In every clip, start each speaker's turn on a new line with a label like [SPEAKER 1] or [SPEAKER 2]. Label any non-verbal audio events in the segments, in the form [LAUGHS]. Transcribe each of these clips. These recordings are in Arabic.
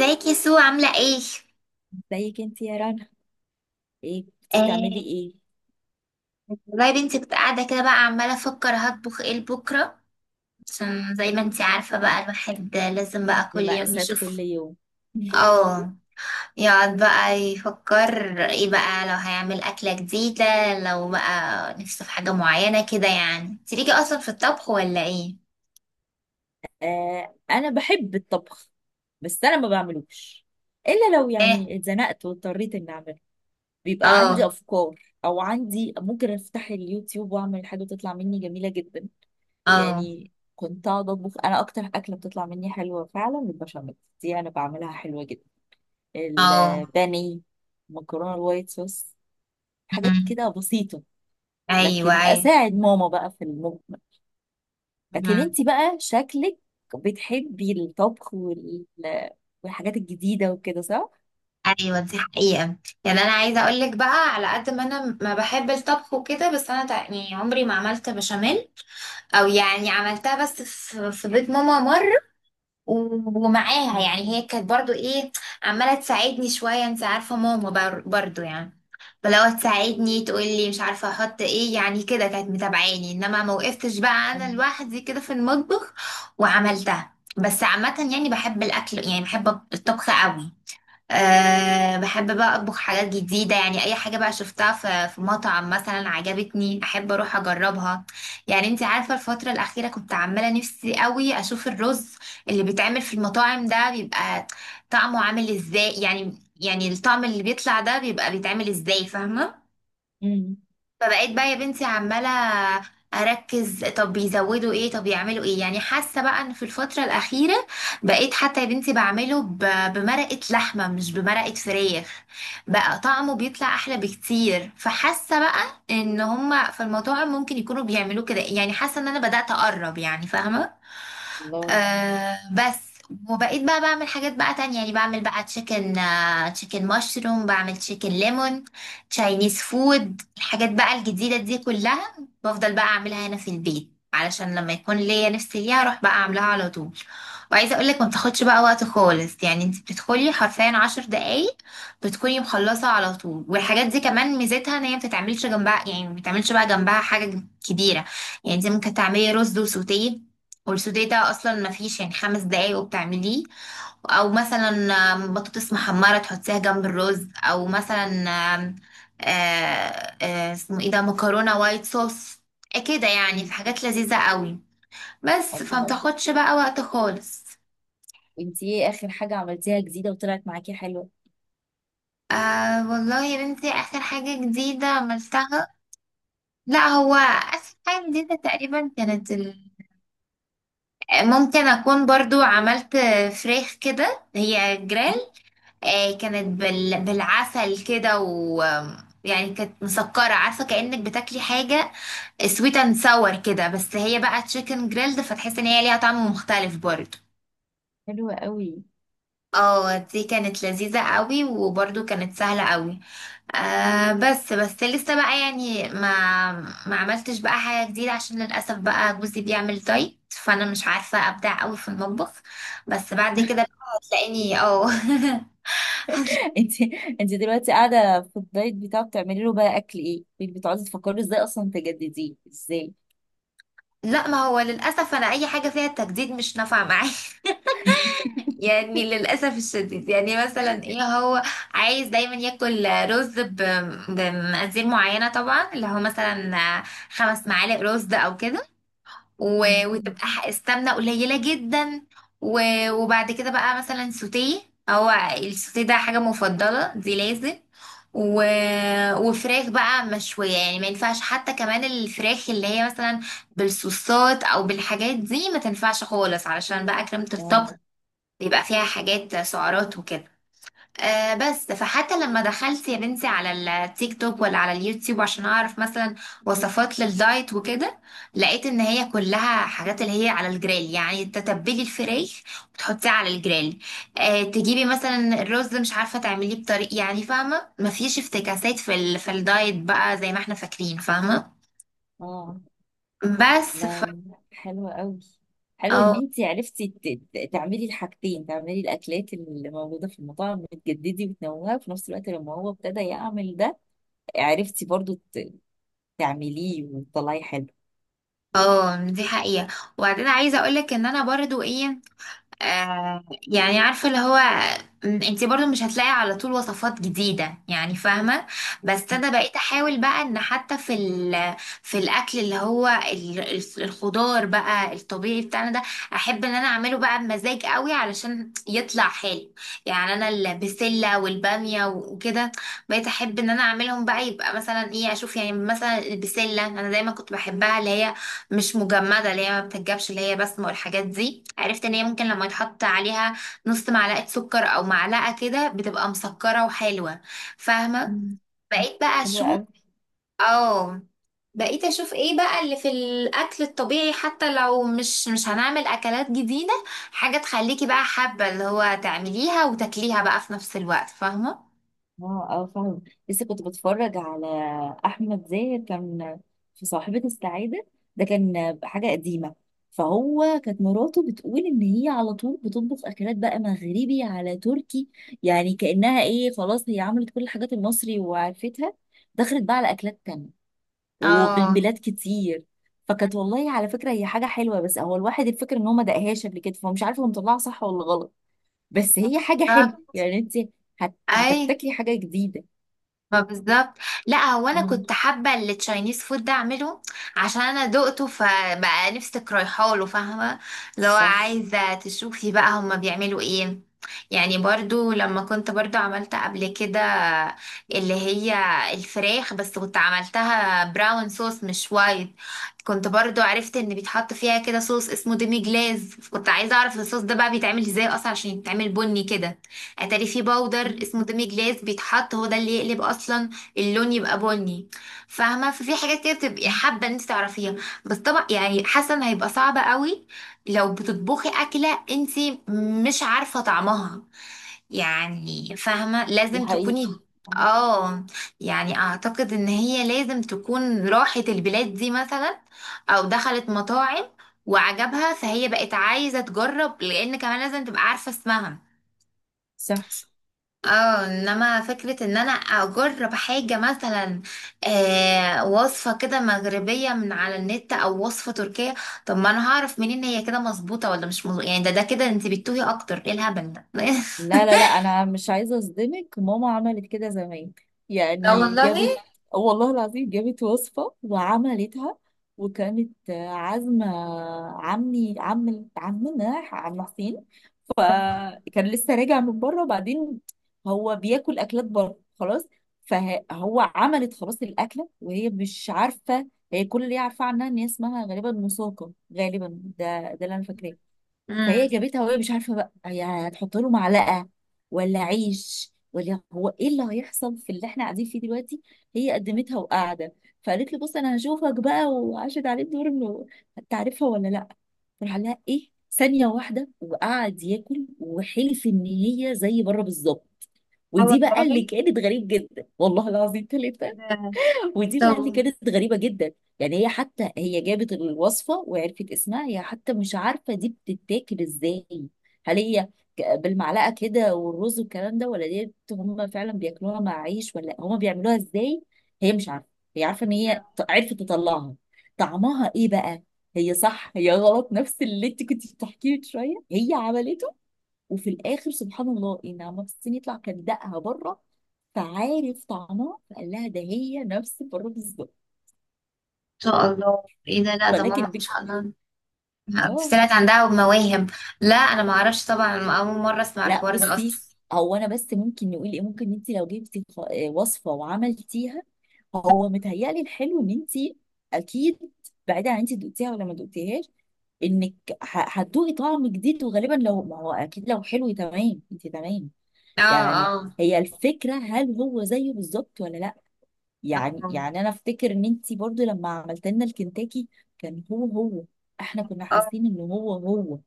[SPEAKER 1] ازيك يا سو عاملة ايه؟
[SPEAKER 2] زيك انت يا رنا. ايه كنت بتعملي
[SPEAKER 1] آه.
[SPEAKER 2] ايه؟
[SPEAKER 1] والله يا بنتي، كنت قاعدة كده بقى عمالة افكر هطبخ ايه لبكرة. عشان زي ما انتي عارفة بقى، الواحد لازم بقى كل
[SPEAKER 2] دي
[SPEAKER 1] يوم
[SPEAKER 2] مأساة كل
[SPEAKER 1] يشوف.
[SPEAKER 2] يوم. [LAUGHS]
[SPEAKER 1] اه. يقعد بقى يفكر ايه بقى لو هيعمل أكلة جديدة، لو بقى نفسه في حاجة معينة كده. يعني انتي ليكي اصلا في الطبخ ولا ايه؟
[SPEAKER 2] آه انا بحب الطبخ، بس انا ما بعملوش الا لو
[SPEAKER 1] ايه؟
[SPEAKER 2] يعني اتزنقت واضطريت اني اعمله. بيبقى
[SPEAKER 1] اه.
[SPEAKER 2] عندي افكار، او عندي ممكن افتح اليوتيوب واعمل حاجه تطلع مني جميله جدا.
[SPEAKER 1] اه.
[SPEAKER 2] يعني كنت اقعد اطبخ، انا اكتر اكله بتطلع مني حلوه فعلا البشاميل، دي انا بعملها حلوه جدا.
[SPEAKER 1] اه.
[SPEAKER 2] البانيه، مكرونه الوايت صوص، حاجات
[SPEAKER 1] مم.
[SPEAKER 2] كده بسيطه.
[SPEAKER 1] ايوه،
[SPEAKER 2] لكن
[SPEAKER 1] ايوه.
[SPEAKER 2] اساعد ماما بقى في المجمل. لكن
[SPEAKER 1] مم.
[SPEAKER 2] انت بقى شكلك بتحبي الطبخ والحاجات الجديده وكده، صح؟
[SPEAKER 1] ايوه، دي حقيقة. يعني انا عايزة اقولك بقى، على قد ما انا ما بحب الطبخ وكده، بس انا يعني عمري ما عملت بشاميل. او يعني عملتها بس في بيت ماما مرة، ومعاها،
[SPEAKER 2] مم.
[SPEAKER 1] يعني هي كانت برضو ايه، عمالة تساعدني شوية. انت عارفة ماما برضو يعني، فلو تساعدني تقولي مش عارفة احط ايه، يعني كده كانت متابعاني، انما ما وقفتش بقى انا
[SPEAKER 2] مم.
[SPEAKER 1] لوحدي كده في المطبخ وعملتها. بس عامة يعني بحب الاكل، يعني بحب الطبخ قوي. أه، بحب بقى أطبخ حاجات جديدة، يعني أي حاجة بقى شفتها في مطعم مثلا عجبتني أحب أروح أجربها. يعني أنت عارفة، الفترة الأخيرة كنت عمالة نفسي قوي أشوف الرز اللي بيتعمل في المطاعم ده، بيبقى طعمه عامل إزاي يعني، يعني الطعم اللي بيطلع ده بيبقى بيتعمل إزاي، فاهمة؟
[SPEAKER 2] مم.
[SPEAKER 1] فبقيت بقى يا بنتي عمالة أركز، طب بيزودوا ايه، طب يعملوا ايه. يعني حاسة بقى ان في الفترة الأخيرة بقيت حتى يا بنتي بعمله بمرقة لحمة مش بمرقة فراخ، بقى طعمه بيطلع أحلى بكتير. فحاسة بقى ان هما في المطاعم ممكن يكونوا بيعملوه كده، يعني حاسة ان انا بدأت أقرب، يعني فاهمة.
[SPEAKER 2] الله.
[SPEAKER 1] آه بس. وبقيت بقى بعمل حاجات بقى تانية، يعني بعمل بقى تشيكن، آه تشيكن مشروم، بعمل تشيكن ليمون، تشاينيز فود، الحاجات بقى الجديدة دي كلها بفضل بقى أعملها هنا في البيت علشان لما يكون ليا نفسي ليها أروح بقى أعملها على طول. وعايزة أقولك ما بتاخدش بقى وقت خالص، يعني انت بتدخلي حرفيا 10 دقايق بتكوني مخلصة على طول. والحاجات دي كمان ميزتها ان هي ما بتتعملش جنبها، يعني ما بتتعملش بقى جنبها حاجة كبيرة. يعني انت ممكن تعملي رز وسوتيه، والسوداء ده اصلا ما فيش يعني 5 دقايق وبتعمليه. او مثلا بطاطس محمره تحطيها جنب الرز. او مثلا آم، آه، آه، اسمه ايه ده، مكرونه وايت صوص كده. يعني في
[SPEAKER 2] مم.
[SPEAKER 1] حاجات لذيذه قوي. بس
[SPEAKER 2] الله،
[SPEAKER 1] فمتاخدش بقى وقت خالص.
[SPEAKER 2] وانت ايه اخر حاجه عملتيها جديده وطلعت معاكي حلوه؟
[SPEAKER 1] آه والله يا بنتي، اخر حاجه جديده عملتها، لا، هو اخر حاجه جديده تقريبا كانت ممكن اكون برضو عملت فراخ كده هي جريل. كانت بالعسل كده، و يعني كانت مسكرة، عارفة كأنك بتاكلي حاجة سويت اند ساور كده، بس هي بقى تشيكن جريلد، فتحسي ان هي ليها طعم مختلف برضه.
[SPEAKER 2] حلوه قوي.
[SPEAKER 1] اه، دي كانت لذيذة قوي وبرضه كانت سهلة قوي. آه بس لسه بقى يعني ما عملتش بقى حاجة جديدة، عشان للأسف بقى جوزي بيعمل دايت فأنا مش عارفة أبدع قوي في المطبخ. بس بعد كده بقى هتلاقيني، اه [LAUGHS]
[SPEAKER 2] انت انت دلوقتي قاعده في الدايت بتاعه، بتعملي له بقى اكل ايه؟ بتقعدي تفكري ازاي اصلا تجدديه ازاي؟
[SPEAKER 1] لا، ما هو للأسف أنا أي حاجة فيها التجديد مش نافعة معايا [LAUGHS]
[SPEAKER 2] [LAUGHS]
[SPEAKER 1] يعني للأسف الشديد، يعني مثلا إيه، هو عايز دايما ياكل رز بمقادير معينة، طبعا اللي هو مثلا 5 معالق رز أو كده،
[SPEAKER 2] مم.
[SPEAKER 1] وتبقى السمنة قليلة جدا، وبعد كده بقى مثلا سوتيه. هو السوتيه ده حاجة مفضلة دي لازم، و... وفراخ بقى مشوية. يعني ما ينفعش حتى كمان الفراخ اللي هي مثلا بالصوصات او بالحاجات دي، ما تنفعش خالص علشان بقى كريمة
[SPEAKER 2] اه
[SPEAKER 1] الطبخ بيبقى فيها حاجات سعرات وكده. آه بس، فحتى لما دخلت يا بنتي على التيك توك ولا على اليوتيوب عشان اعرف مثلا وصفات للدايت وكده، لقيت ان هي كلها حاجات اللي هي على الجريل، يعني تتبلي الفراخ وتحطيه على الجريل. آه، تجيبي مثلا الرز مش عارفه تعمليه بطريق، يعني فاهمه مفيش افتكاسات في الدايت بقى زي ما احنا فاكرين، فاهمه.
[SPEAKER 2] اه.
[SPEAKER 1] بس ف...
[SPEAKER 2] لا، حلوة قوي. حلو
[SPEAKER 1] اه.
[SPEAKER 2] ان انت عرفتي تعملي الحاجتين، تعملي الاكلات اللي موجوده في المطاعم، بتجددي وتنوعي، وفي نفس الوقت لما هو ابتدى يعمل ده عرفتي برضو تعمليه وتطلعي حلو.
[SPEAKER 1] اه دي حقيقة. وبعدين عايزة اقولك ان انا برضو ايه، آه يعني عارفة اللي هو، انتي برضو مش هتلاقي على طول وصفات جديدة، يعني فاهمة. بس انا
[SPEAKER 2] [LAUGHS]
[SPEAKER 1] بقيت احاول بقى ان حتى في الاكل اللي هو الخضار بقى الطبيعي بتاعنا ده، احب ان انا اعمله بقى بمزاج قوي علشان يطلع حلو. يعني انا البسلة والبامية وكده بقيت احب ان انا اعملهم بقى، يبقى مثلا ايه اشوف، يعني مثلا البسلة انا دايما كنت بحبها، اللي هي مش مجمدة، اللي هي ما بتتجابش، اللي هي بسمة، والحاجات دي عرفت ان هي ممكن لما يتحط عليها نص معلقة سكر او معلقة كده بتبقى مسكرة وحلوة، فاهمة؟
[SPEAKER 2] مم.
[SPEAKER 1] بقيت بقى
[SPEAKER 2] حلوة
[SPEAKER 1] اشوف،
[SPEAKER 2] قوي.
[SPEAKER 1] اه، بقيت اشوف ايه بقى اللي في الاكل الطبيعي، حتى لو مش هنعمل اكلات جديدة، حاجة تخليكي بقى حابة اللي هو تعمليها وتاكليها بقى في نفس الوقت، فاهمة؟
[SPEAKER 2] اه اه فاهم. لسه كنت بتفرج على احمد زاهر، كان في صاحبة السعادة، ده كان حاجة قديمة. فهو كانت مراته بتقول ان هي على طول بتطبخ اكلات بقى مغربي، على تركي. يعني كأنها ايه، خلاص هي عملت كل الحاجات المصري وعرفتها، دخلت بقى على اكلات تانية وبين
[SPEAKER 1] اه،
[SPEAKER 2] بلاد كتير. فكانت والله على فكرة هي حاجة حلوة، بس هو الواحد الفكرة ان هو ما دقهاش قبل كده، فمش عارف هو مطلعها صح ولا غلط. بس هي حاجة حلوة.
[SPEAKER 1] بالظبط.
[SPEAKER 2] يعني انت
[SPEAKER 1] اي،
[SPEAKER 2] هتبتكري حاجة جديدة.
[SPEAKER 1] ما بالظبط. لا، هو انا
[SPEAKER 2] اه،
[SPEAKER 1] كنت حابه التشاينيز فود ده اعمله عشان انا دقته، فبقى نفسك رايحه له، فاهمه. لو
[SPEAKER 2] صح.
[SPEAKER 1] عايزه تشوفي بقى هما بيعملوا ايه. يعني برضو لما كنت برضو عملت قبل كده اللي هي الفراخ، بس كنت عملتها براون صوص مش وايت. كنت برضو عرفت ان بيتحط فيها كده صوص اسمه ديمي جلاز، كنت عايزه اعرف الصوص ده بقى بيتعمل ازاي اصلا عشان يتعمل بني كده. اتاري في باودر اسمه ديمي جلاس بيتحط، هو ده اللي يقلب اصلا اللون يبقى بني، فاهمه. ففي حاجات كده بتبقي حابه ان انت تعرفيها. بس طبعا يعني حسن هيبقى صعب قوي لو بتطبخي اكله انت مش عارفه طعمها، يعني فاهمه
[SPEAKER 2] دي
[SPEAKER 1] لازم تكوني.
[SPEAKER 2] حقيقة،
[SPEAKER 1] اه، يعني اعتقد ان هي لازم تكون راحت البلاد دي مثلا او دخلت مطاعم وعجبها، فهي بقت عايزه تجرب، لان كمان لازم تبقى عارفه اسمها.
[SPEAKER 2] صح.
[SPEAKER 1] اه، انما فكرة ان انا اجرب حاجة مثلا، آه وصفة كده مغربية من على النت او وصفة تركية، طب ما انا هعرف منين هي كده مظبوطة ولا مش مظبوطة، يعني ده كده انت بتتوهي اكتر، ايه الهبل ده [LAUGHS]
[SPEAKER 2] لا لا لا، انا مش عايزه اصدمك، ماما عملت كده زمان.
[SPEAKER 1] لا
[SPEAKER 2] يعني
[SPEAKER 1] والله.
[SPEAKER 2] جابت، والله العظيم جابت وصفه وعملتها، وكانت عازمه عمي عمنا عم حسين، فكان لسه راجع من بره. وبعدين هو بياكل اكلات بره خلاص، فهو عملت خلاص الاكله وهي مش عارفه. هي كل اللي هي عارفاه عنها ان هي اسمها غالبا مساقه، غالبا، ده اللي انا فاكراه. فهي
[SPEAKER 1] امم.
[SPEAKER 2] جابتها وهي مش عارفه بقى هي هتحط له معلقه ولا عيش، ولا هو ايه اللي هيحصل، في اللي احنا قاعدين فيه دلوقتي. هي قدمتها وقاعده، فقالت له بص انا هشوفك بقى، وعاشت عليه الدور انه هتعرفها ولا لا. راح لها ايه، ثانيه واحده وقعد ياكل وحلف ان هي زي بره بالظبط.
[SPEAKER 1] اه
[SPEAKER 2] ودي بقى
[SPEAKER 1] والله.
[SPEAKER 2] اللي كانت غريب جدا، والله العظيم ثلاثه.
[SPEAKER 1] ده-
[SPEAKER 2] ودي بقى
[SPEAKER 1] طب
[SPEAKER 2] اللي كانت غريبة جدا. يعني هي حتى هي جابت الوصفة وعرفت اسمها، هي حتى مش عارفة دي بتتاكل ازاي. هل هي بالمعلقة كده والرز والكلام ده، ولا دي هم فعلا بياكلوها مع عيش، ولا هم بيعملوها ازاي؟ هي مش عارفة. هي عارفة ان
[SPEAKER 1] لا، ان
[SPEAKER 2] هي عرفت تطلعها. طعمها ايه بقى، هي صح هي غلط، نفس اللي انت كنت بتحكيه من شوية هي عملته. وفي الاخر سبحان الله ان عمها في الصين، يطلع كان دقها بره، فعارف طعمها، فقال لها ده هي نفس بره بالظبط.
[SPEAKER 1] شاء الله ايه ده، لا ده
[SPEAKER 2] فلكن
[SPEAKER 1] ماما ان
[SPEAKER 2] بك،
[SPEAKER 1] شاء الله
[SPEAKER 2] اه.
[SPEAKER 1] طلعت عندها مواهب. لا انا ما اعرفش طبعا، اول مرة اسمع
[SPEAKER 2] لا،
[SPEAKER 1] الحوار ده
[SPEAKER 2] بصي،
[SPEAKER 1] اصلا.
[SPEAKER 2] هو انا بس ممكن نقول ايه، ممكن انت لو جبتي وصفه وعملتيها، هو متهيألي الحلو ان انت، اكيد، بعيدا عن انت دقتيها ولا ما دقتيهاش، انك هتدوقي طعم جديد، وغالبا لو ما هو اكيد لو حلو تمام انت تمام.
[SPEAKER 1] اه.
[SPEAKER 2] يعني
[SPEAKER 1] اه.
[SPEAKER 2] هي الفكره هل هو زيه بالظبط ولا لا. يعني
[SPEAKER 1] اه.
[SPEAKER 2] يعني انا افتكر ان انتي برضو لما عملت لنا الكنتاكي كان هو هو، احنا كنا
[SPEAKER 1] آه.
[SPEAKER 2] حاسين ان هو هو.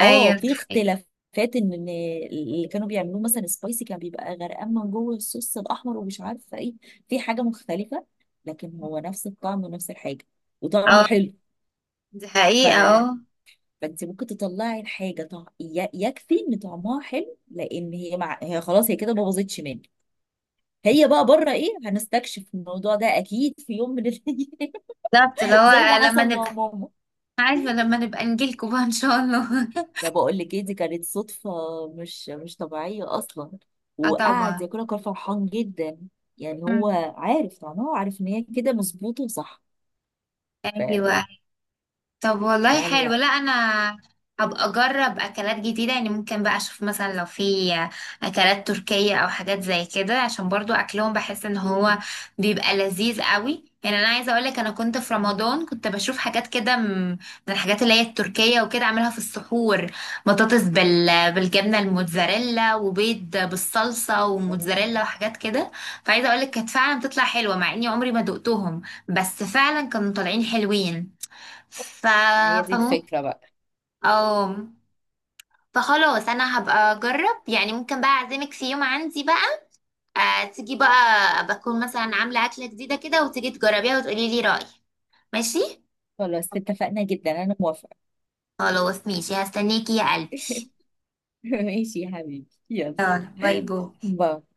[SPEAKER 2] اه،
[SPEAKER 1] ايوه.
[SPEAKER 2] في اختلافات، ان اللي كانوا بيعملوه مثلا سبايسي كان بيبقى غرقان من جوه الصوص الاحمر، ومش عارفه ايه، في حاجه مختلفه، لكن هو نفس الطعم ونفس الحاجه وطعمه
[SPEAKER 1] اه
[SPEAKER 2] حلو.
[SPEAKER 1] دي حقيقة،
[SPEAKER 2] ف،
[SPEAKER 1] اه.
[SPEAKER 2] فانت ممكن تطلعي الحاجه يكفي ان طعمها حلو، لان هي مع... هي خلاص هي كده ما باظتش منك. هي بقى بره ايه، هنستكشف الموضوع ده اكيد في يوم من الايام،
[SPEAKER 1] بالظبط اللي
[SPEAKER 2] زي ما
[SPEAKER 1] هو لما
[SPEAKER 2] حصل مع
[SPEAKER 1] نبقى،
[SPEAKER 2] ماما.
[SPEAKER 1] عارفة لما نبقى نجيلكوا بقى ان شاء الله.
[SPEAKER 2] انا بقول لك ايه، دي كانت صدفه مش طبيعيه اصلا.
[SPEAKER 1] [LAUGHS] اه
[SPEAKER 2] وقعد
[SPEAKER 1] طبعا.
[SPEAKER 2] ياكلها، كان فرحان جدا. يعني هو
[SPEAKER 1] مم.
[SPEAKER 2] عارف طبعا، هو عارف ان هي كده مظبوطه وصح. فلا،
[SPEAKER 1] ايوه. طب والله
[SPEAKER 2] لا
[SPEAKER 1] حلو. لا،
[SPEAKER 2] لا
[SPEAKER 1] انا هبقى اجرب اكلات جديده، يعني ممكن بقى اشوف مثلا لو في اكلات تركيه او حاجات زي كده عشان برضو اكلهم بحس ان هو بيبقى لذيذ قوي. يعني انا عايزه اقول لك، انا كنت في رمضان كنت بشوف حاجات كده من الحاجات اللي هي التركيه وكده اعملها في السحور. بطاطس بالجبنه الموتزاريلا، وبيض بالصلصه وموتزاريلا، وحاجات كده. فعايزه اقول لك كانت فعلا بتطلع حلوه مع اني عمري ما دقتهم، بس فعلا كانوا طالعين حلوين. ف
[SPEAKER 2] هي دي
[SPEAKER 1] فممكن
[SPEAKER 2] الفكره بقى.
[SPEAKER 1] اه. فخلاص انا هبقى اجرب، يعني ممكن بقى اعزمك في يوم عندي بقى، آه تيجي بقى بكون مثلا عامله اكله جديده كده وتيجي تجربيها وتقولي لي رايك، ماشي؟
[SPEAKER 2] خلاص اتفقنا، جدا انا موافقه.
[SPEAKER 1] خلاص ماشي هستنيكي يا قلبي.
[SPEAKER 2] [LAUGHS] ماشي يا حبيبي، يلا.
[SPEAKER 1] باي باي.
[SPEAKER 2] باي.